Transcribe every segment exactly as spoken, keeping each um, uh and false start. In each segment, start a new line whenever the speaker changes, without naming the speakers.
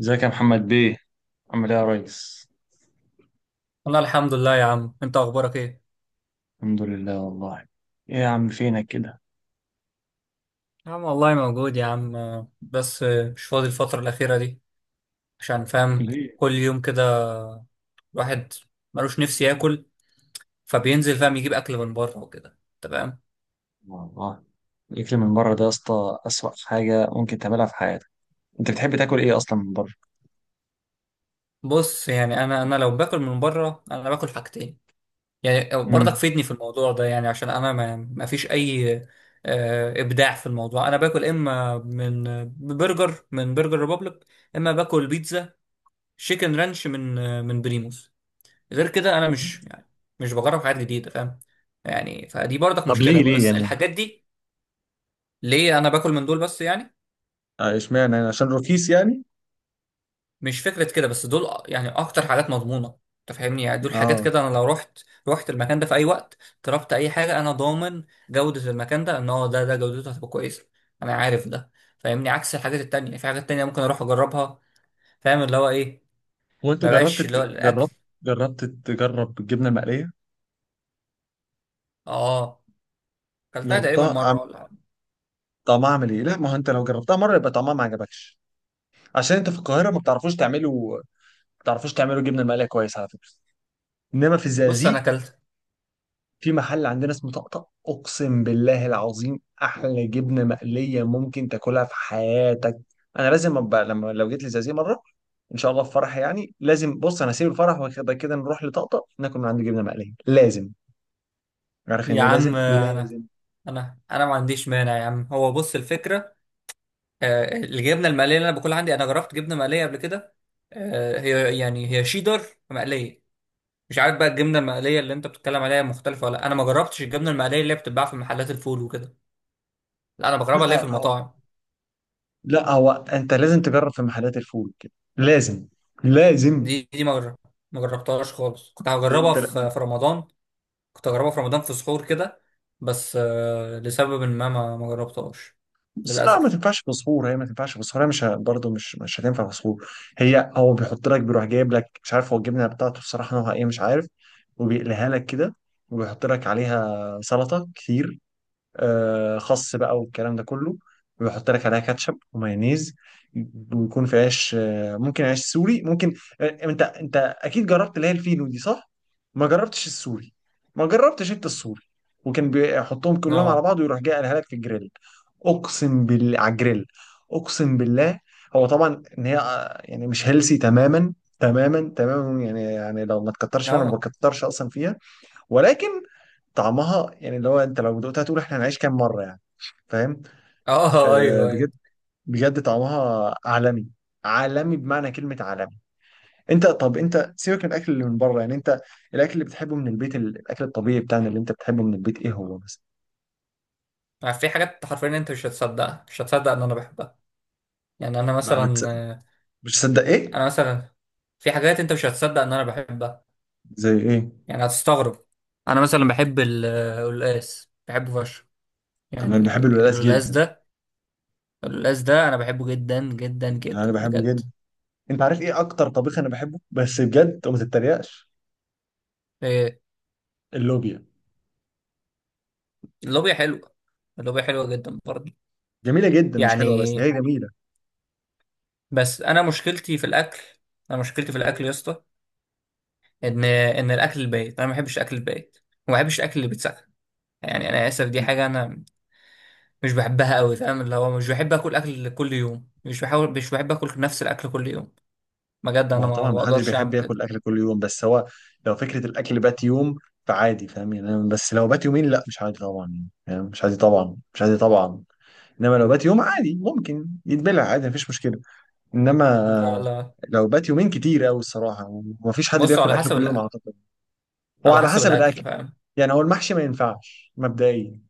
ازيك يا محمد بيه، عامل ايه يا ريس؟
والله الحمد لله يا عم. انت اخبارك ايه؟
الحمد لله والله. ايه يا عم فينك كده؟
يا عم والله موجود يا عم. آه، بس آه، مش فاضي الفترة الأخيرة دي عشان فاهم.
ليه؟
كل يوم كده الواحد ملوش نفسي ياكل، فبينزل فاهم يجيب أكل من بره وكده. تمام.
والله، الاكل من بره ده يا اسطى اسوأ حاجه ممكن تعملها في حياتك. انت بتحب تاكل ايه اصلا من بره؟
بص، يعني أنا أنا لو باكل من بره أنا باكل حاجتين، يعني برضك
امم
فيدني في الموضوع ده. يعني عشان أنا ما ما فيش أي آه، إبداع في الموضوع. أنا باكل إما من برجر، من برجر ريبوبليك، إما باكل بيتزا شيكن رانش من آه، من بريموس. غير كده انا مش يعني مش بجرب حاجات جديده، فاهم؟ يعني فدي برضك
طب
مشكله،
ليه ليه
بس
يعني؟
الحاجات دي ليه انا باكل من دول بس؟ يعني
آه، اشمعنى يعني عشان رخيص يعني؟
مش فكره كده، بس دول أ- يعني اكتر حاجات مضمونه. انت فاهمني؟ يعني دول حاجات
اه،
كده انا لو رحت رحت المكان ده في اي وقت، طلبت اي حاجه، انا ضامن جوده المكان ده، ان هو ده ده جودته هتبقى كويسه، انا عارف ده، فاهمني؟ عكس الحاجات التانية، في حاجات تانية ممكن اروح اجربها فاهم اللي هو ايه؟
هو انت
ما
جربت
بقاش اللي هو
ت-
الاكل.
جربت جربت تجرب الجبنه المقليه؟
اه، كلتها تقريبا
جربتها.
مره
عم-
ولا حاجة.
طعمها عامل ايه؟ لا، ما هو انت لو جربتها مره يبقى طعمها ما عجبكش. عشان انت في القاهره ما بتعرفوش تعملوا، ما بتعرفوش تعملوا جبنه مقليه كويس على فكره. انما في
بص انا
الزقازيق
كلت.
في محل عندنا اسمه طقطق، اقسم بالله العظيم احلى جبنه مقليه ممكن تاكلها في حياتك. انا لازم ابقى، لما لو جيت لزازي مره، ان شاء الله في فرح، يعني لازم. بص انا هسيب الفرح وكده كده نروح لطقطق ناكل من عنده جبنه مقليه لازم. عارف يعني
يا
ايه؟
عم
لازم، لازم.
انا انا ما عنديش مانع يا عم. هو بص، الفكره آه، الجبنه المقليه اللي انا باكلها عندي، انا جربت جبنه مقليه قبل كده، آه، هي يعني هي شيدر مقليه. مش عارف بقى الجبنه المقليه اللي انت بتتكلم عليها مختلفه ولا لأ. انا ما جربتش الجبنه المقليه اللي هي بتتباع في محلات الفول وكده. لا انا بجربها اللي هي في
لا هو،
المطاعم.
لا هو انت لازم تجرب في محلات الفول كده، لازم، لازم،
دي دي ما جرب- ما جربتهاش خالص. كنت هجربها
انت.
في في رمضان، كنت هجربها في رمضان في سحور كده، بس آه، لسبب ما ما ما جربتهاش
بس لا، ما
للاسف.
تنفعش في صخور، هي ما تنفعش في صخور، هي مش ه- برضه مش مش هتنفع في صخور. هي هو بيحط لك، بيروح جايب لك، مش عارف هو الجبنه بتاعته بصراحه نوعها ايه، مش عارف. وبيقليها لك كده، وبيحط لك عليها سلطه كتير، آه، خس بقى والكلام ده كله، ويحط لك عليها كاتشب ومايونيز، ويكون في عيش، آه، ممكن عيش سوري ممكن. آه، انت انت اكيد جربت اللي هي الفينو دي، صح؟ ما جربتش السوري. ما جربتش انت السوري. وكان بيحطهم كلهم على
اه
بعض، ويروح جاي قالها لك في الجريل. اقسم بالله على الجريل، اقسم بالله. هو طبعا ان هي آه، يعني مش هيلسي تماما، تماما تماما يعني يعني لو ما تكترش فيها انا ما
اه
بكترش اصلا فيها. ولكن طعمها يعني، اللي هو انت لو دقتها تقول احنا هنعيش كام مره يعني، فاهم؟
اه،
آه،
ايوه
بجد،
ايوه.
بجد طعمها عالمي، عالمي بمعنى كلمه عالمي. انت طب انت سيبك من الاكل اللي من بره، يعني انت الاكل اللي بتحبه من البيت، ال- الاكل الطبيعي بتاعنا اللي انت بتحبه من البيت، ايه هو مثلا؟
في حاجات حرفيا انت مش هتصدقها، مش هتصدق ان انا بحبها. يعني انا
ما بتص-
مثلا،
مش تصدق ايه؟
انا مثلا في حاجات انت مش هتصدق ان انا بحبها،
زي ايه؟
يعني هتستغرب. انا مثلا بحب ال- القلقاس، بحبه فشخ.
طب انا
يعني
بحب الولاد
القلقاس
جدا،
ده، القلقاس ده انا بحبه جدا جدا
يعني انا
جدا
بحبه
بجد.
جدا. انت عارف ايه اكتر طبيخ انا بحبه بس بجد، وما تتريقش؟
إيه،
اللوبيا.
اللوبيا حلوه، اللوبيا حلوه جدا برضه.
جميله جدا، مش حلوه، بس
يعني
هي جميله.
بس انا مشكلتي في الاكل، انا مشكلتي في الاكل يا اسطى، ان ان الاكل البايت انا ما بحبش الاكل البايت، وما بحبش الاكل اللي بيتسخن. يعني انا اسف، دي حاجه انا مش بحبها قوي، فاهم اللي هو مش بحب اكل اكل كل يوم، مش بحاول، مش بحب اكل نفس الاكل كل يوم. بجد
ما
انا
هو
ما
طبعا
ما
ما حدش
بقدرش
بيحب
اعمل
ياكل
كده.
اكل كل يوم، بس هو لو فكره الاكل بات يوم فعادي، فاهم يعني؟ أنا- بس لو بات يومين لا، مش عادي طبعا يعني، فاهم؟ مش عادي طبعا، مش عادي طبعا. انما لو بات يوم عادي، ممكن يتبلع عادي، مفيش مشكله.
لا
انما
لا،
لو بات يومين كتير قوي الصراحه، ومفيش حد
بص
بياكل
على
اكل
حسب
كل يوم
الأ...
اعتقد. هو
على
على
حسب
حسب
الاكل
الاكل،
فاهم.
يعني هو المحشي ما ينفعش مبدئيا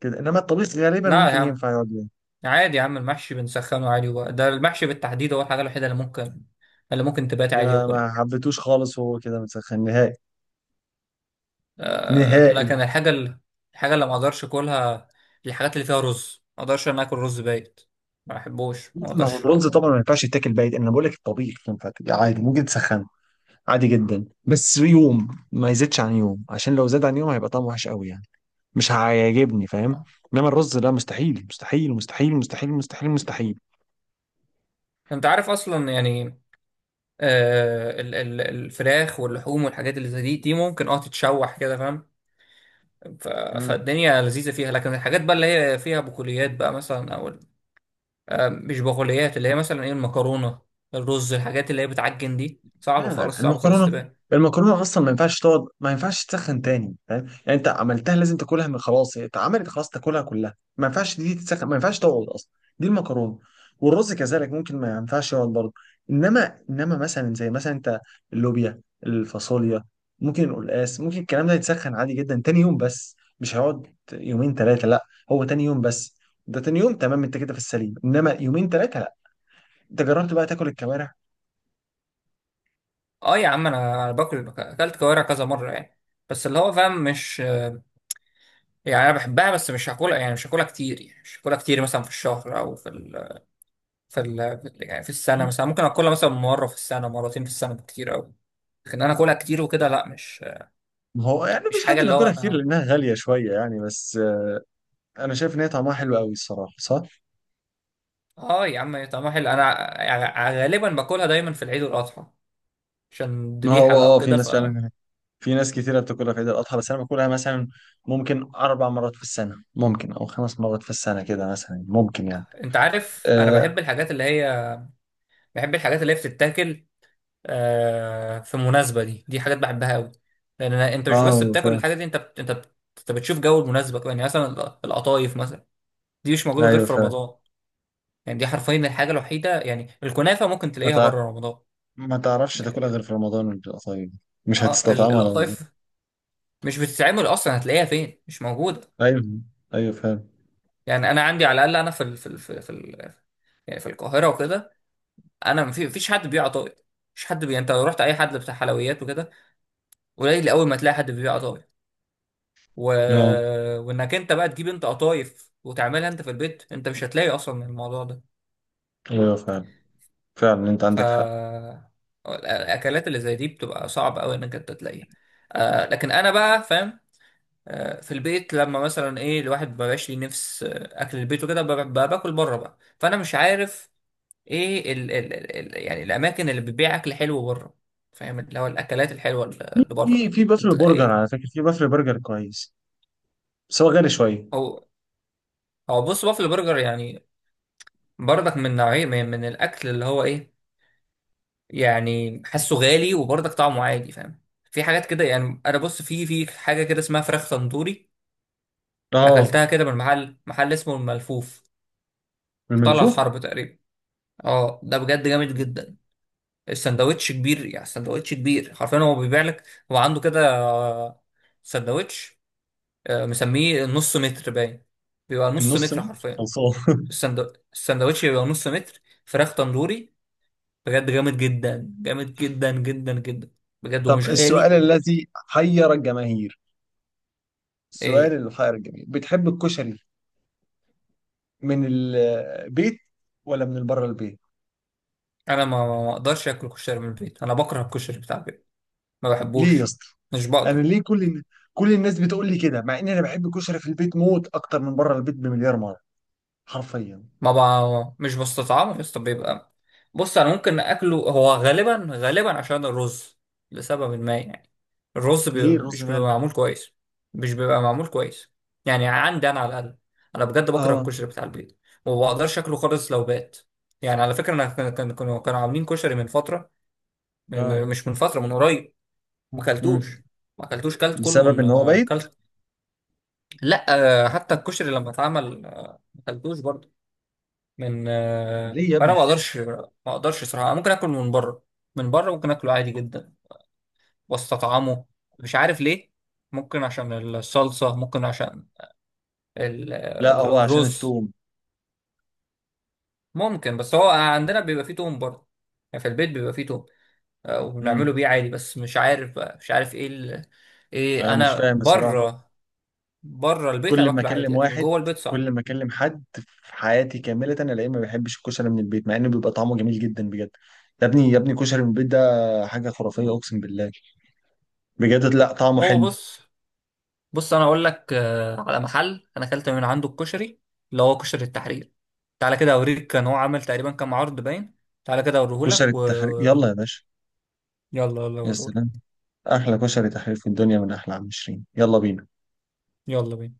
كده، انما الطبيخ غالبا
لا يا
ممكن
عم
ينفع يقعد يوم.
عادي يا عم، المحشي بنسخنه عادي وبقى. ده المحشي بالتحديد هو الحاجه الوحيده اللي ممكن اللي ممكن تبات عادي
ده
واكلها.
ما حبيتوش خالص، وهو كده مسخن نهائي،
آه...
نهائي.
لكن الحاجه ال... الحاجه اللي ما اقدرش اكلها، الحاجات اللي فيها رز، ما اقدرش انا اكل رز بايت، ما بحبوش، ما
ما هو
اقدرش.
الرز طبعا ما ينفعش يتاكل بايت، انا بقول لك الطبيخ ينفع تاكل عادي، ممكن تسخن عادي جدا بس يوم، ما يزيدش عن يوم، عشان لو زاد عن يوم هيبقى طعمه وحش قوي يعني، مش هيعجبني، فاهم؟
آه.
انما الرز ده مستحيل مستحيل مستحيل مستحيل مستحيل مستحيل
انت عارف اصلا، يعني آه، ال- ال- الفراخ واللحوم والحاجات اللي زي دي، دي ممكن اه تتشوح كده فاهم. ف-
مستحيل.
فالدنيا لذيذة فيها. لكن الحاجات بقى اللي هي فيها بقوليات بقى مثلا او ال- آه، مش بقوليات، اللي هي مثلا ايه، المكرونة، الرز، الحاجات اللي هي بتعجن دي صعبة
آه،
خالص، صعبة خالص
المكرونه.
تبان.
المكرونه اصلا ما ينفعش تقعد، ما ينفعش تسخن تاني، فاهم يعني؟ انت عملتها لازم تاكلها من، خلاص هي اتعملت خلاص تاكلها كلها، ما ينفعش دي تتسخن، ما ينفعش تقعد اصلا، دي المكرونه. والرز كذلك ممكن ما ينفعش يقعد برضه. انما انما مثلا زي مثلا انت، اللوبيا، الفاصوليا، ممكن القلقاس، ممكن الكلام ده يتسخن عادي جدا تاني يوم، بس مش هيقعد يومين ثلاثه، لا، هو تاني يوم بس. ده تاني يوم تمام، انت كده في السليم، انما يومين ثلاثه لا. انت جربت بقى تاكل الكوارع؟
اه يا عم، انا أنا باكل اكلت كوارع كذا مرة يعني، بس اللي هو فاهم، مش آه، يعني انا بحبها بس مش هاكلها، يعني مش هاكلها كتير، يعني مش هاكلها كتير مثلا في الشهر او في ال في ال يعني في السنة، مثلا ممكن اكلها مثلا مرة في السنة، مرتين في السنة بالكتير قوي. لكن انا اكلها كتير وكده لا، مش
ما هو يعني
مش
مفيش حد
حاجه اللي هو
بياكلها كتير
انا.
لانها غاليه شويه، يعني بس. آه، انا شايف ان هي طعمها حلو قوي الصراحه، صح؟
اه يا عم طعمها حلو، انا ع- غالبا باكلها دايما في العيد والاضحى، عشان
ما
ذبيحه
هو،
بقى
اه آه، في
وكده. ف
ناس فعلا، في ناس كتيره بتاكلها في عيد الاضحى، بس انا باكلها مثلا ممكن اربع مرات في السنه، ممكن او خمس مرات في السنه كده مثلا، ممكن يعني.
انت عارف انا
اه،
بحب الحاجات اللي هي، بحب الحاجات اللي هي بتتاكل آه في مناسبه. دي دي حاجات بحبها قوي، لان أنا- انت مش بس
آه،
بتاكل
فاهم.
الحاجه دي، انت بت... انت بت... انت بتشوف جو المناسبه كمان. يعني مثلا الق- القطايف مثلا، دي مش موجوده غير
ايوه
في
فاهم.
رمضان. يعني دي حرفيا الحاجه الوحيده، يعني الكنافه ممكن
ما
تلاقيها
تع-
بره رمضان،
ما تعرفش تاكلها غير
لكن
في رمضان وبتبقى طيب، مش
اه ال-
هتستطعمها لو غير.
القطايف مش بتتعمل اصلا، هتلاقيها فين؟ مش موجوده.
ايوه، ايوه فاهم.
يعني انا عندي على الاقل انا في ال... في ال... في ال... في ال... يعني في القاهره وكده، انا ما في- مفيش حد بيبيع قطايف. مش حد بي... انت لو رحت اي حد بتاع حلويات وكده، قليل اول ما تلاقي حد بيبيع قطايف. و...
اه،
وانك انت بقى تجيب انت قطايف وتعملها انت في البيت، انت مش هتلاقي اصلا الموضوع ده.
ايوه فاهم، فعلا انت
ف
عندك حق.
الاكلات اللي زي دي بتبقى صعب قوي انك انت تلاقيها. آه لكن انا بقى فاهم آه، في البيت لما مثلا ايه، الواحد ما بقاش ليه نفس آه، اكل البيت وكده، ب- ب- باكل بره بقى، فانا مش عارف ايه ال ال ال يعني الاماكن اللي بتبيع اكل حلو بره، فاهم اللي هو الاكلات الحلوه
في
اللي بره
في
يعني،
في
انت
بافلو برجر
ايه؟
على فكره، في بافلو برجر كويس بس هو غالي شويه.
هو هو بص بافل برجر يعني برضك من نوعيه من, من الاكل اللي هو ايه، يعني حاسه غالي وبرضك طعمه عادي فاهم. في حاجات كده يعني، انا بص في في حاجه كده اسمها فراخ تندوري،
اه.
اكلتها كده من محل محل اسمه الملفوف في طلعت
الملفوف.
حرب تقريبا. اه ده بجد جامد جدا، السندوتش كبير، يعني السندوتش كبير حرفيا، هو بيبيع لك، هو عنده كده آه، سندوتش آه، مسميه نص متر باين، بيبقى نص
النص
متر
متر
حرفيا.
خلصان
السندو... السندوتش بيبقى نص متر فراخ تندوري، بجد جامد جدا، جامد جدا جدا جدا، بجد
طب
ومش
السؤال
غالي.
الذي حير الجماهير، السؤال
إيه.
اللي حير الجماهير، بتحب الكشري من البيت ولا من بره البيت؟
انا ما ما اقدرش اكل كشري من البيت، انا بكره الكشري بتاع البيت، ما
ليه يا
بحبوش،
اسطى؟
مش بقدر.
انا ليه؟ كل الن- كل الناس بتقول لي كده، مع ان انا بحب الكشري في البيت موت، اكتر من بره البيت بمليار مره حرفيا.
ما بقى مش بستطعمه يا اسطى، بيبقى، بص انا ممكن اكله، هو غالبا غالبا عشان الرز، لسبب ما يعني، الرز بيبقى
ليه الرز
مش بيبقى
مالح؟
معمول كويس، مش بيبقى معمول كويس. يعني عندي انا على الاقل، انا بجد بكره
اه.
الكشري بتاع البيت، وما بقدرش اكله خالص لو بات. يعني على فكره انا كان كان- كانوا كانوا عاملين كشري من فتره، من-
اه.
من- مش من فتره، من قريب، ما
مم.
اكلتوش. ما اكلتوش، كلت كله
بسبب
من
ان هو
آه،
بايت؟
كلت. لا آه، حتى الكشري لما اتعمل آه، ما اكلتوش برضه من
طب
آه،
ليه يا
فانا
ابني؟
ما اقدرش، ما اقدرش صراحه. ممكن اكل من بره، من بره ممكن اكله عادي جدا واستطعمه. مش عارف ليه. ممكن عشان الصلصه، ممكن عشان ال-
لا
ال-
هو عشان
الرز.
التوم.
ممكن، بس هو عندنا بيبقى فيه توم برضه، يعني في البيت بيبقى فيه توم آه، وبنعمله
امم
بيه عادي، بس مش عارف بقى مش عارف ايه ال... ايه
انا مش
انا
فاهم بصراحة.
بره، بره البيت
كل
انا
ما
باكله عادي
اكلم
لكن
واحد،
جوه البيت
كل
صعب.
ما اكلم حد في حياتي كامله الاقيه ما بيحبش الكشري من البيت، مع انه بيبقى طعمه جميل جدا بجد. يا ابني يا ابني، كشري من البيت ده حاجه خرافيه اقسم بالله. بجد، لا طعمه
هو
حلو.
بص بص انا اقول لك آه، على محل انا اكلت من عنده الكشري، اللي هو كشري التحرير. تعالى كده اوريك، كان هو عامل تقريبا كام عرض باين. تعالى كده اوريهولك
كشري
و
التحرير، يلا يا باشا.
يلا يلا
يا
اوريهولك.
سلام، احلى كشري تحرير في الدنيا من احلى عم شيرين، يلا بينا.
يلا بينا.